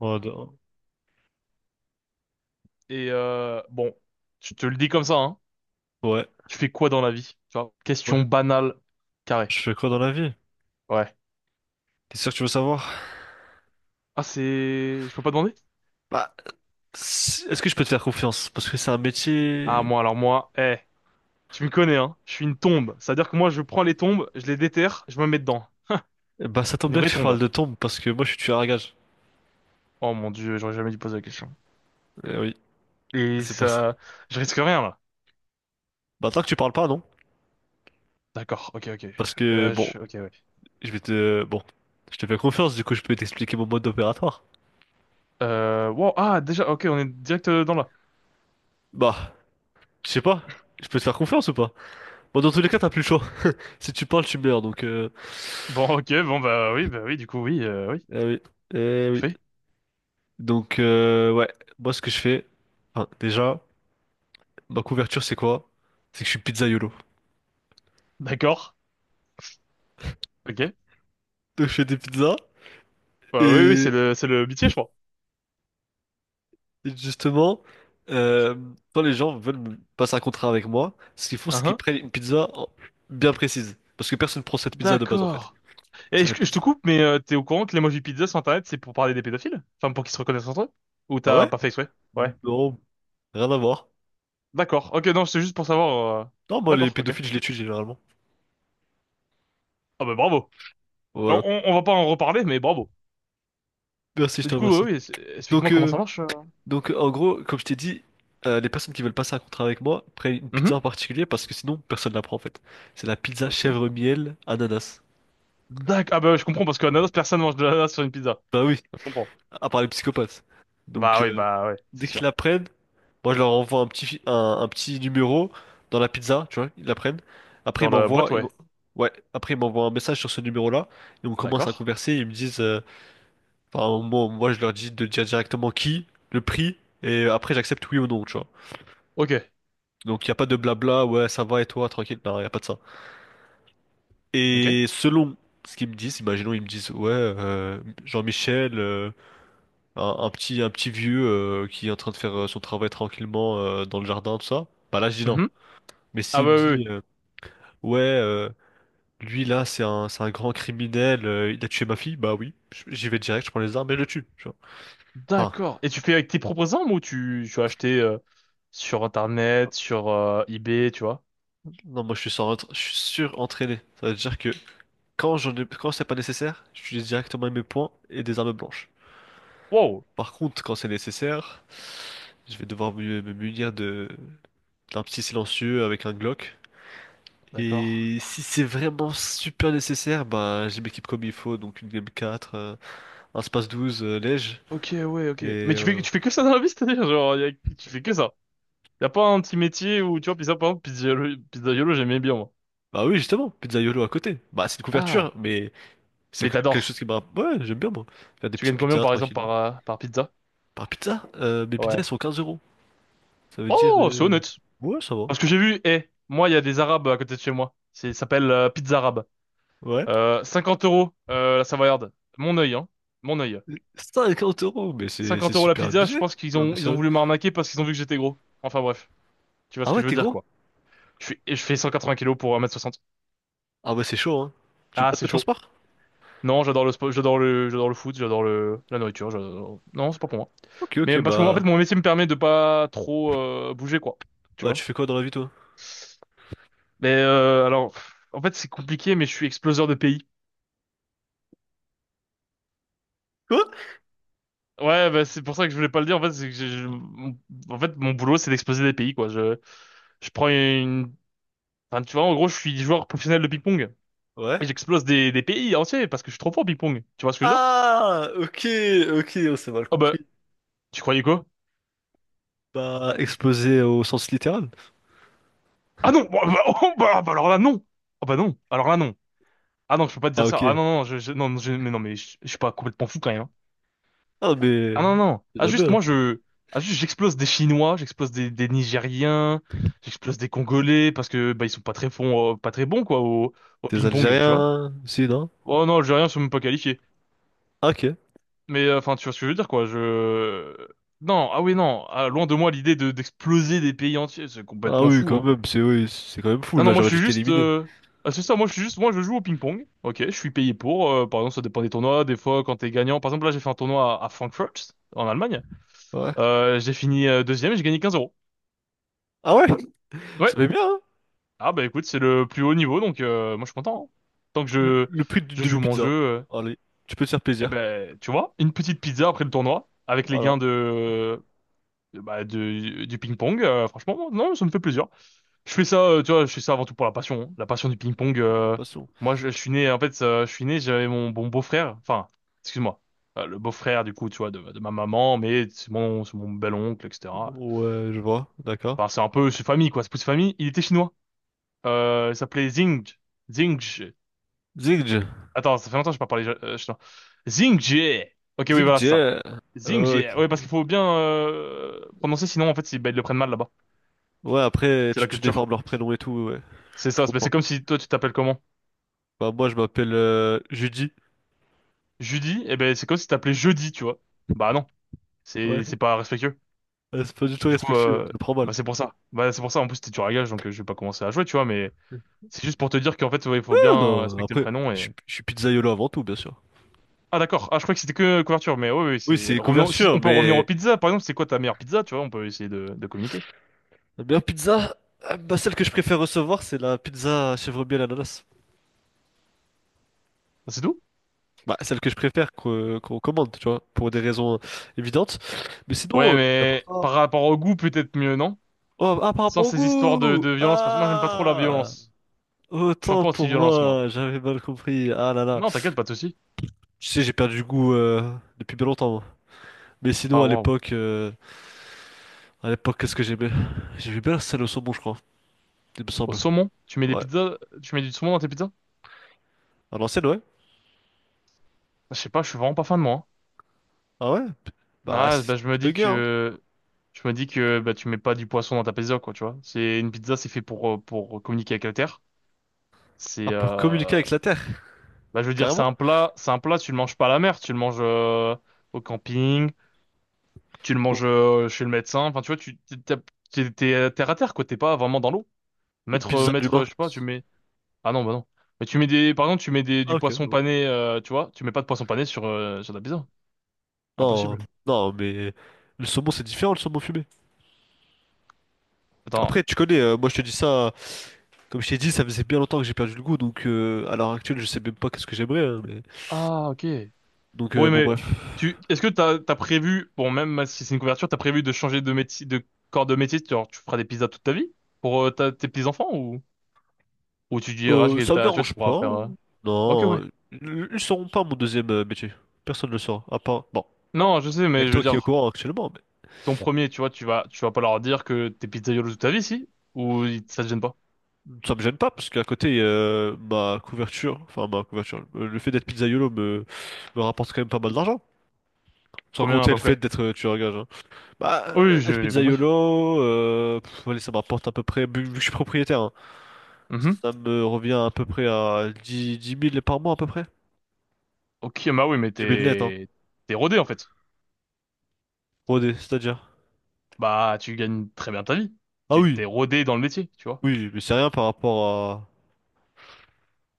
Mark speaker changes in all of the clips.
Speaker 1: Oh, non.
Speaker 2: Et bon, je te le dis comme ça, hein.
Speaker 1: Ouais.
Speaker 2: Tu fais quoi dans la vie? Tu vois,
Speaker 1: Moi,
Speaker 2: question banale, carré.
Speaker 1: je fais quoi dans la vie?
Speaker 2: Ouais.
Speaker 1: T'es sûr que tu veux savoir?
Speaker 2: Ah, c'est... Je peux pas demander?
Speaker 1: Bah, est-ce que je peux te faire confiance? Parce que c'est un
Speaker 2: Ah,
Speaker 1: métier...
Speaker 2: moi, alors moi, tu me connais, hein. Je suis une tombe. C'est-à-dire que moi, je prends les tombes, je les déterre, je me mets dedans.
Speaker 1: Bah, ça tombe
Speaker 2: Une
Speaker 1: bien que
Speaker 2: vraie
Speaker 1: tu parles
Speaker 2: tombe.
Speaker 1: de tombe, parce que moi, je suis tueur à gages.
Speaker 2: Oh mon Dieu, j'aurais jamais dû poser la question.
Speaker 1: Eh oui,
Speaker 2: Et
Speaker 1: c'est pour ça.
Speaker 2: ça... Je risque rien, là.
Speaker 1: Bah, tant que tu parles pas, non?
Speaker 2: D'accord, ok, ok.
Speaker 1: Parce que, bon,
Speaker 2: Je... Ok, ouais.
Speaker 1: je vais te... Bon, je te fais confiance, du coup, je peux t'expliquer mon mode opératoire.
Speaker 2: Wow, ah, déjà, ok, on est direct dans là.
Speaker 1: Bah, je sais pas. Je peux te faire confiance ou pas? Bon, dans tous les cas, t'as plus le choix. Si tu parles, tu meurs, donc...
Speaker 2: Bon, ok, bon, bah oui, du coup, oui, oui.
Speaker 1: Eh oui, eh oui.
Speaker 2: Fait.
Speaker 1: Donc, ouais, moi, ce que je fais... enfin, déjà... Ma couverture, c'est quoi? C'est que je suis pizzaïolo.
Speaker 2: D'accord, ok.
Speaker 1: Donc, je fais des pizzas
Speaker 2: Bah oui, oui,
Speaker 1: et
Speaker 2: c'est le métier, je crois.
Speaker 1: justement, euh, quand les gens veulent me passer un contrat avec moi, ce qu'ils font, c'est
Speaker 2: Hein,
Speaker 1: qu'ils
Speaker 2: hein.
Speaker 1: prennent une pizza bien précise. Parce que personne prend cette pizza de base en fait.
Speaker 2: D'accord. Et
Speaker 1: C'est la
Speaker 2: je
Speaker 1: pizza.
Speaker 2: te coupe, mais t'es au courant que l'emoji pizza sur Internet, c'est pour parler des pédophiles? Enfin, pour qu'ils se reconnaissent entre eux? Ou
Speaker 1: Ah
Speaker 2: t'as
Speaker 1: ouais?
Speaker 2: pas fait exprès? Ouais.
Speaker 1: Non, rien à voir.
Speaker 2: D'accord. Ok, non, c'est juste pour savoir.
Speaker 1: Non, moi, les
Speaker 2: D'accord, ok.
Speaker 1: pédophiles, je les tue généralement.
Speaker 2: Ah bah bravo.
Speaker 1: Voilà.
Speaker 2: On va pas en reparler, mais bravo.
Speaker 1: Merci, je
Speaker 2: Mais
Speaker 1: te
Speaker 2: du coup,
Speaker 1: remercie.
Speaker 2: oui, explique-moi
Speaker 1: Donc,
Speaker 2: comment
Speaker 1: euh,
Speaker 2: ça marche.
Speaker 1: donc, en gros, comme je t'ai dit, les personnes qui veulent passer un contrat avec moi prennent une pizza en
Speaker 2: Mhm.
Speaker 1: particulier parce que sinon, personne la prend en fait. C'est la pizza
Speaker 2: Ok.
Speaker 1: chèvre miel ananas.
Speaker 2: D'accord. Ah bah je comprends, parce que ananas, personne mange de l'ananas sur une pizza.
Speaker 1: Bah oui.
Speaker 2: Je comprends.
Speaker 1: À part les psychopathes. Donc,
Speaker 2: Bah oui, bah ouais, c'est
Speaker 1: dès qu'ils
Speaker 2: sûr.
Speaker 1: la prennent, moi, je leur envoie un petit numéro dans la pizza, tu vois, ils la prennent. Après, ils
Speaker 2: Dans la
Speaker 1: m'envoient,
Speaker 2: boîte,
Speaker 1: ils
Speaker 2: ouais.
Speaker 1: m'en- ouais, après, ils m'envoient un message sur ce numéro-là, et on commence à
Speaker 2: D'accord.
Speaker 1: converser, ils me disent, enfin, moi, je leur dis de dire directement qui, le prix, et après, j'accepte oui ou non, tu vois.
Speaker 2: Ok.
Speaker 1: Donc, il n'y a pas de blabla, ouais, ça va, et toi, tranquille, non, il n'y a pas de ça.
Speaker 2: Ok.
Speaker 1: Et selon ce qu'ils me disent, imaginons, ils me disent, ouais, Jean-Michel, un petit vieux qui est en train de faire son travail tranquillement dans le jardin, tout ça, bah là je dis non.
Speaker 2: Mhm.
Speaker 1: Mais
Speaker 2: Ah
Speaker 1: s'il me
Speaker 2: bah oui, oui.
Speaker 1: dit ouais, lui là c'est un grand criminel, il a tué ma fille, bah oui, j'y vais direct, je prends les armes et je le tue. Tu vois. Enfin,
Speaker 2: D'accord. Et tu fais avec tes propres armes ou tu as acheté sur Internet, sur eBay, tu vois?
Speaker 1: non moi je suis sans, je suis surentraîné. Ça veut dire que quand j'en ai, quand c'est pas nécessaire, j'utilise directement mes poings et des armes blanches.
Speaker 2: Wow.
Speaker 1: Par contre, quand c'est nécessaire, je vais devoir me munir de d'un petit silencieux avec un Glock.
Speaker 2: D'accord.
Speaker 1: Et si c'est vraiment super nécessaire, bah je m'équipe comme il faut, donc une game 4, un space 12, lège,
Speaker 2: Ok, ouais, ok.
Speaker 1: et...
Speaker 2: Mais
Speaker 1: euh,
Speaker 2: tu fais que ça dans la vie, c'est-à-dire, genre, tu fais que ça. Y a pas un petit métier où, tu vois, pizza, par exemple, pizzaïolo, j'aimais bien, moi.
Speaker 1: bah oui, justement, pizza YOLO à côté. Bah c'est une
Speaker 2: Ah.
Speaker 1: couverture, mais c'est
Speaker 2: Mais
Speaker 1: quand même quelque chose
Speaker 2: t'adores.
Speaker 1: qui me rappelle... Ouais, j'aime bien moi. Faire des
Speaker 2: Tu
Speaker 1: petites
Speaker 2: gagnes combien,
Speaker 1: pizzas
Speaker 2: par exemple,
Speaker 1: tranquilles, hein.
Speaker 2: par, par pizza?
Speaker 1: Par pizza, mes pizzas elles
Speaker 2: Ouais.
Speaker 1: sont 15 euros. Ça veut dire...
Speaker 2: Oh, c'est honnête.
Speaker 1: Ouais, ça va.
Speaker 2: Parce que j'ai vu, moi, il y a des Arabes à côté de chez moi. C'est, ça s'appelle Pizza Arabe.
Speaker 1: Ouais.
Speaker 2: 50 euros, la Savoyarde. Mon œil, hein. Mon œil.
Speaker 1: 50 euros, mais c'est
Speaker 2: 50 euros la
Speaker 1: super
Speaker 2: pizza, je
Speaker 1: abusé.
Speaker 2: pense
Speaker 1: Non mais
Speaker 2: ils ont
Speaker 1: sérieux.
Speaker 2: voulu m'arnaquer parce qu'ils ont vu que j'étais gros. Enfin bref, tu vois
Speaker 1: Ah
Speaker 2: ce que
Speaker 1: ouais,
Speaker 2: je veux
Speaker 1: t'es
Speaker 2: dire
Speaker 1: gros?
Speaker 2: quoi. Je fais 180 kilos pour 1m60.
Speaker 1: Ah ouais, c'est chaud, hein. Tu veux
Speaker 2: Ah,
Speaker 1: pas te
Speaker 2: c'est
Speaker 1: mettre au
Speaker 2: chaud.
Speaker 1: sport?
Speaker 2: Non, j'adore le sport, j'adore le foot, la nourriture, j'adore... Non, c'est pas pour moi.
Speaker 1: Ok,
Speaker 2: Mais
Speaker 1: ok,
Speaker 2: parce que moi, en fait,
Speaker 1: bah...
Speaker 2: mon métier me permet de pas trop bouger quoi. Tu
Speaker 1: Bah
Speaker 2: vois.
Speaker 1: tu fais quoi dans la vie toi?
Speaker 2: Mais alors, pff, en fait, c'est compliqué, mais je suis exploseur de pays.
Speaker 1: Quoi?
Speaker 2: Ouais, bah, c'est pour ça que je voulais pas le dire. En fait, c'est que en fait, mon boulot, c'est d'exploser des pays quoi. Je prends une, enfin, tu vois, en gros, je suis joueur professionnel de ping-pong.
Speaker 1: Ouais.
Speaker 2: Des pays entiers parce que je suis trop fort au ping-pong. Tu vois ce que je veux dire?
Speaker 1: Ah, ok, ok, on s'est mal
Speaker 2: Oh bah,
Speaker 1: compris.
Speaker 2: tu croyais quoi?
Speaker 1: Pas explosé au sens littéral.
Speaker 2: Ah non! Bah, bah, oh, bah, bah, alors là, non! Ah bah non! Alors là, non! Ah non, je peux pas te
Speaker 1: Ah,
Speaker 2: dire ça. Ah
Speaker 1: ok.
Speaker 2: non, non, non, non, mais non, mais je suis pas complètement fou quand même. Hein.
Speaker 1: Ah, mais
Speaker 2: Ah non, non!
Speaker 1: c'est
Speaker 2: Ah
Speaker 1: déjà
Speaker 2: juste,
Speaker 1: bien.
Speaker 2: moi, je... Ah juste, j'explose des Chinois, des Nigériens, j'explose des Congolais parce que, bah, ils sont pas très bons, pas très bons, quoi, au
Speaker 1: T'es
Speaker 2: ping-pong, tu vois?
Speaker 1: Algérien, si, non?
Speaker 2: Oh non, Algériens sont même pas qualifiés.
Speaker 1: Ah, ok.
Speaker 2: Mais enfin, tu vois ce que je veux dire, quoi. Je... Non, ah oui, non. Ah, loin de moi l'idée de d'exploser des pays entiers. C'est
Speaker 1: Ah
Speaker 2: complètement
Speaker 1: oui,
Speaker 2: fou,
Speaker 1: quand
Speaker 2: hein.
Speaker 1: même, c'est oui, c'est quand même fou,
Speaker 2: Non,
Speaker 1: là,
Speaker 2: non, moi je
Speaker 1: j'aurais
Speaker 2: suis
Speaker 1: dû
Speaker 2: juste...
Speaker 1: t'éliminer.
Speaker 2: euh, Ah, c'est ça, moi je suis juste... Moi je joue au ping-pong. Ok, je suis payé pour. Par exemple, ça dépend des tournois. Des fois, quand t'es gagnant... Par exemple, là, j'ai fait un tournoi à Frankfurt, en Allemagne.
Speaker 1: Ouais.
Speaker 2: J'ai fini deuxième et j'ai gagné 15 euros.
Speaker 1: Ah ouais, ça
Speaker 2: Ouais.
Speaker 1: fait bien, hein?
Speaker 2: Ah bah écoute, c'est le plus haut niveau, donc moi je suis content. Hein. Tant que
Speaker 1: Le,
Speaker 2: je,
Speaker 1: le prix d'une
Speaker 2: je joue mon jeu...
Speaker 1: demi-pizza.
Speaker 2: euh,
Speaker 1: Allez, tu peux te faire
Speaker 2: Eh
Speaker 1: plaisir.
Speaker 2: ben, tu vois, une petite pizza après le tournoi, avec les
Speaker 1: Voilà,
Speaker 2: gains de... Bah, du ping-pong, franchement, non, ça me fait plaisir. Je fais ça, tu vois, je fais ça avant tout pour la passion, hein. La passion du ping-pong.
Speaker 1: passons.
Speaker 2: Moi, je suis né, en fait, je suis né, j'avais mon bon beau-frère, enfin, excuse-moi, le beau-frère, du coup, tu vois, de ma maman, mais c'est mon bel-oncle, etc.
Speaker 1: Ouais, je vois, d'accord.
Speaker 2: Enfin, c'est un peu, c'est famille, quoi, c'est plus famille. Il était chinois. Il s'appelait Zing.
Speaker 1: Zingj,
Speaker 2: Attends, ça fait longtemps que je n'ai pas parlé chinois. Zing Jie. Ok, oui, voilà,
Speaker 1: Zingj,
Speaker 2: c'est ça. Zing Jie.
Speaker 1: ok.
Speaker 2: Ouais, parce qu'il faut bien prononcer, sinon, en fait, ils, bah, ils le prennent mal là-bas.
Speaker 1: Ouais, après,
Speaker 2: C'est la
Speaker 1: tu
Speaker 2: culture.
Speaker 1: déformes leur prénom et tout, ouais,
Speaker 2: C'est
Speaker 1: je
Speaker 2: ça, c'est ben, c'est
Speaker 1: comprends.
Speaker 2: comme si toi tu t'appelles comment?
Speaker 1: Bah, moi, je m'appelle Judy.
Speaker 2: Judy, eh ben c'est comme si tu t'appelais jeudi, tu vois. Bah non,
Speaker 1: Ouais.
Speaker 2: c'est pas respectueux.
Speaker 1: C'est pas du tout
Speaker 2: Du coup,
Speaker 1: respectueux, je le prends mal.
Speaker 2: bah c'est pour ça. Bah c'est pour ça, en plus t'es dur à gage, donc je vais pas commencer à jouer, tu vois, mais c'est juste pour te dire qu'en fait, ouais, il faut
Speaker 1: Ah,
Speaker 2: bien
Speaker 1: non,
Speaker 2: respecter le
Speaker 1: après,
Speaker 2: prénom
Speaker 1: je
Speaker 2: et...
Speaker 1: suis je suis pizzaiolo avant tout, bien sûr.
Speaker 2: Ah d'accord, ah je crois que c'était que couverture, mais oui, oui,
Speaker 1: Oui,
Speaker 2: c'est...
Speaker 1: c'est
Speaker 2: Revenons... Si on
Speaker 1: couverture,
Speaker 2: peut revenir aux
Speaker 1: mais
Speaker 2: pizzas, par exemple, c'est quoi ta meilleure pizza, tu vois, on peut essayer de communiquer.
Speaker 1: la meilleure pizza, bah, celle que je préfère recevoir, c'est la pizza chèvre miel ananas.
Speaker 2: Ah, c'est tout?
Speaker 1: Bah, celle que je préfère qu'on commande, tu vois, pour des raisons évidentes. Mais sinon,
Speaker 2: Ouais,
Speaker 1: mis à part
Speaker 2: mais
Speaker 1: ça...
Speaker 2: par rapport au goût, peut-être mieux, non?
Speaker 1: Oh, ah, par
Speaker 2: Sans
Speaker 1: rapport au
Speaker 2: ces histoires
Speaker 1: goût!
Speaker 2: de violence, parce que moi j'aime pas trop la
Speaker 1: Ah!
Speaker 2: violence. Je suis un
Speaker 1: Autant
Speaker 2: peu
Speaker 1: pour
Speaker 2: anti-violence, moi.
Speaker 1: moi, j'avais mal compris. Ah là là.
Speaker 2: Non, t'inquiète, pas de soucis.
Speaker 1: Tu sais, j'ai perdu goût depuis bien longtemps, moi. Mais sinon,
Speaker 2: Ah
Speaker 1: à
Speaker 2: waouh.
Speaker 1: l'époque... À l'époque, qu'est-ce que j'aimais? J'aimais bien la salle au saumon, je crois, il me
Speaker 2: Au
Speaker 1: semble.
Speaker 2: saumon? Tu mets des
Speaker 1: Ouais.
Speaker 2: pizzas, tu mets du saumon dans tes pizzas?
Speaker 1: À l'ancienne, ouais.
Speaker 2: Je sais pas, je suis vraiment pas fan, moi. Hein.
Speaker 1: Ah ouais? Bah,
Speaker 2: Ah,
Speaker 1: c'est
Speaker 2: bah,
Speaker 1: bugué, hein.
Speaker 2: je me dis que, bah, tu mets pas du poisson dans ta pizza, quoi, tu vois. C'est, une pizza, c'est fait pour communiquer avec la terre. C'est,
Speaker 1: Ah, pour communiquer avec la Terre,
Speaker 2: bah, je veux dire,
Speaker 1: carrément.
Speaker 2: c'est un plat, tu le manges pas à la mer, tu le manges, au camping, tu le manges,
Speaker 1: Donc,
Speaker 2: chez le médecin. Enfin, tu vois, tu, t'es, t'es, t'es- t'es terre à terre, quoi, t'es pas vraiment dans l'eau.
Speaker 1: une pizza d'humain.
Speaker 2: Je sais pas, ah non, bah non. Mais par exemple,
Speaker 1: Ah,
Speaker 2: du
Speaker 1: ok,
Speaker 2: poisson
Speaker 1: bon.
Speaker 2: pané, tu vois, tu mets pas de poisson pané sur, sur ta pizza.
Speaker 1: Non,
Speaker 2: Impossible.
Speaker 1: non, mais le saumon, c'est différent, le saumon fumé.
Speaker 2: Attends.
Speaker 1: Après, tu connais, moi, je te dis ça, comme je t'ai dit, ça faisait bien longtemps que j'ai perdu le goût, donc à l'heure actuelle, je sais même pas qu'est-ce que j'aimerais, hein, mais...
Speaker 2: Ah, ok.
Speaker 1: Donc,
Speaker 2: Oui,
Speaker 1: bon,
Speaker 2: mais
Speaker 1: bref.
Speaker 2: est-ce que t'as prévu, bon, même si c'est une couverture, t'as prévu de changer de métier, de corps de métier, genre, tu feras des pizzas toute ta vie? Pour tes petits-enfants ou tu diras que
Speaker 1: Ça me
Speaker 2: t'as, tu vois, tu
Speaker 1: dérange
Speaker 2: pourras
Speaker 1: pas.
Speaker 2: faire, ok,
Speaker 1: Non,
Speaker 2: ouais.
Speaker 1: ils sauront pas mon deuxième métier. Personne ne le saura, à part... Bon.
Speaker 2: Non, je sais,
Speaker 1: Il n'y a
Speaker 2: mais
Speaker 1: que
Speaker 2: je veux
Speaker 1: toi qui est au
Speaker 2: dire,
Speaker 1: courant actuellement, mais
Speaker 2: ton premier, tu vois, tu vas pas leur dire que t'es pizzaïolo toute ta vie, si? Ou ça te gêne pas?
Speaker 1: ça me gêne pas parce qu'à côté, ma couverture, enfin ma couverture, le fait d'être pizzaïolo me rapporte quand même pas mal d'argent. Sans
Speaker 2: Combien à
Speaker 1: compter
Speaker 2: peu
Speaker 1: le fait
Speaker 2: près?
Speaker 1: d'être tueur à gage. Hein. Bah,
Speaker 2: Oui,
Speaker 1: être
Speaker 2: j'ai compris.
Speaker 1: pizzaïolo, allez, ça me rapporte à peu près, vu que je suis propriétaire, hein,
Speaker 2: Mhm.
Speaker 1: ça me revient à peu près à 10 10 000 par mois à peu près.
Speaker 2: Ok, bah oui, mais
Speaker 1: 10 000 net, hein.
Speaker 2: t'es rodé, en fait.
Speaker 1: Rodé, c'est-à-dire.
Speaker 2: Bah, tu gagnes très bien ta vie.
Speaker 1: Ah
Speaker 2: Tu t'es
Speaker 1: oui,
Speaker 2: rodé dans le métier, tu vois.
Speaker 1: oui, mais c'est rien par rapport à...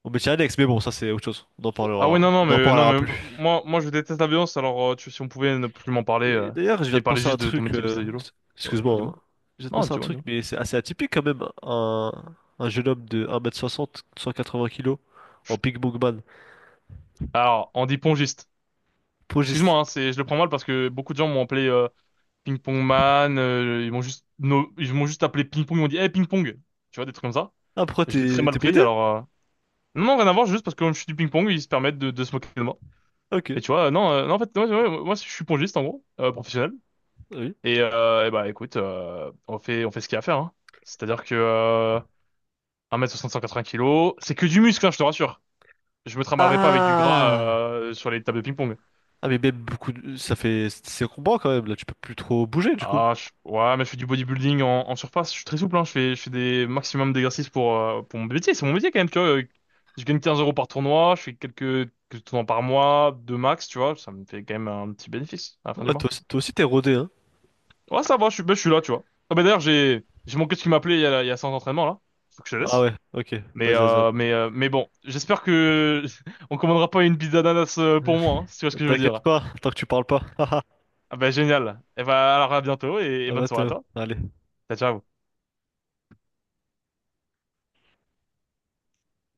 Speaker 1: au métier annexe, mais bon, ça c'est autre chose.
Speaker 2: Ah ouais, non, non,
Speaker 1: On en
Speaker 2: mais non,
Speaker 1: parlera plus.
Speaker 2: mais moi, je déteste la violence. Alors, si on pouvait ne plus m'en parler
Speaker 1: Mais d'ailleurs, je viens
Speaker 2: et
Speaker 1: de
Speaker 2: parler
Speaker 1: penser à un
Speaker 2: juste de ton
Speaker 1: truc.
Speaker 2: métier de pizzaïolo. Ouais,
Speaker 1: Excuse-moi,
Speaker 2: dis-moi.
Speaker 1: hein. Je viens de
Speaker 2: Non,
Speaker 1: penser à un
Speaker 2: dis-moi,
Speaker 1: truc,
Speaker 2: dis-moi.
Speaker 1: mais c'est assez atypique quand même. Un jeune homme de 1 m 60, 180 kilos, en Pink Bookman.
Speaker 2: Alors, on dit pongiste.
Speaker 1: Progiste.
Speaker 2: Excuse-moi, hein, c'est, je le prends mal parce que beaucoup de gens m'ont appelé Ping Pong Man. Euh, ils m'ont juste, no- ils m'ont juste appelé Ping Pong. Ils m'ont dit, hey, Ping Pong. Tu vois, des trucs comme ça.
Speaker 1: Ah, pourquoi
Speaker 2: Je l'ai très
Speaker 1: t'es
Speaker 2: mal
Speaker 1: t'es
Speaker 2: pris.
Speaker 1: prêté?
Speaker 2: Alors, non, non, rien à voir. Juste parce que comme je suis du ping pong, ils se permettent de se moquer de moi.
Speaker 1: Ok.
Speaker 2: Et tu vois, non, non, en fait, ouais, ouais, moi, je suis pongiste en gros, professionnel.
Speaker 1: Ah oui.
Speaker 2: Et, eh ben, écoute, on fait ce qu'il y a à faire, hein. C'est-à-dire que 1m60, 180 kilos, c'est que du muscle, hein, je te rassure. Je me trimballerai pas avec du gras
Speaker 1: Ah!
Speaker 2: sur les tables de ping-pong.
Speaker 1: Ah, mais même beaucoup. Ça fait. C'est combat quand même, là. Tu peux plus trop bouger, du coup.
Speaker 2: Ah, ouais, mais je fais du bodybuilding en, en surface, je suis très souple, hein. Je fais des maximum d'exercices pour mon métier, c'est mon métier quand même, tu vois. Je gagne 15 euros par tournoi, je fais quelques tournois par mois, deux max, tu vois. Ça me fait quand même un petit bénéfice à la fin du
Speaker 1: Ah,
Speaker 2: mois.
Speaker 1: toi aussi, t'es rodé, hein?
Speaker 2: Ouais, ça va, je suis, ben, je suis là, tu vois. Ah, ben, d'ailleurs, j'ai mon coach qui m'appelait il y a 100 entraînements, là. Faut que je te
Speaker 1: Ah
Speaker 2: laisse.
Speaker 1: ouais, ok. Vas-y, vas-y.
Speaker 2: Mais bon, j'espère que on commandera pas une pizza d'ananas pour moi, hein, si tu vois ce que je veux dire.
Speaker 1: T'inquiète pas, tant que tu parles pas.
Speaker 2: Ah bah génial. Et bah alors à bientôt et
Speaker 1: À
Speaker 2: bonne soirée à
Speaker 1: bientôt.
Speaker 2: toi.
Speaker 1: Allez.
Speaker 2: Ciao, ciao.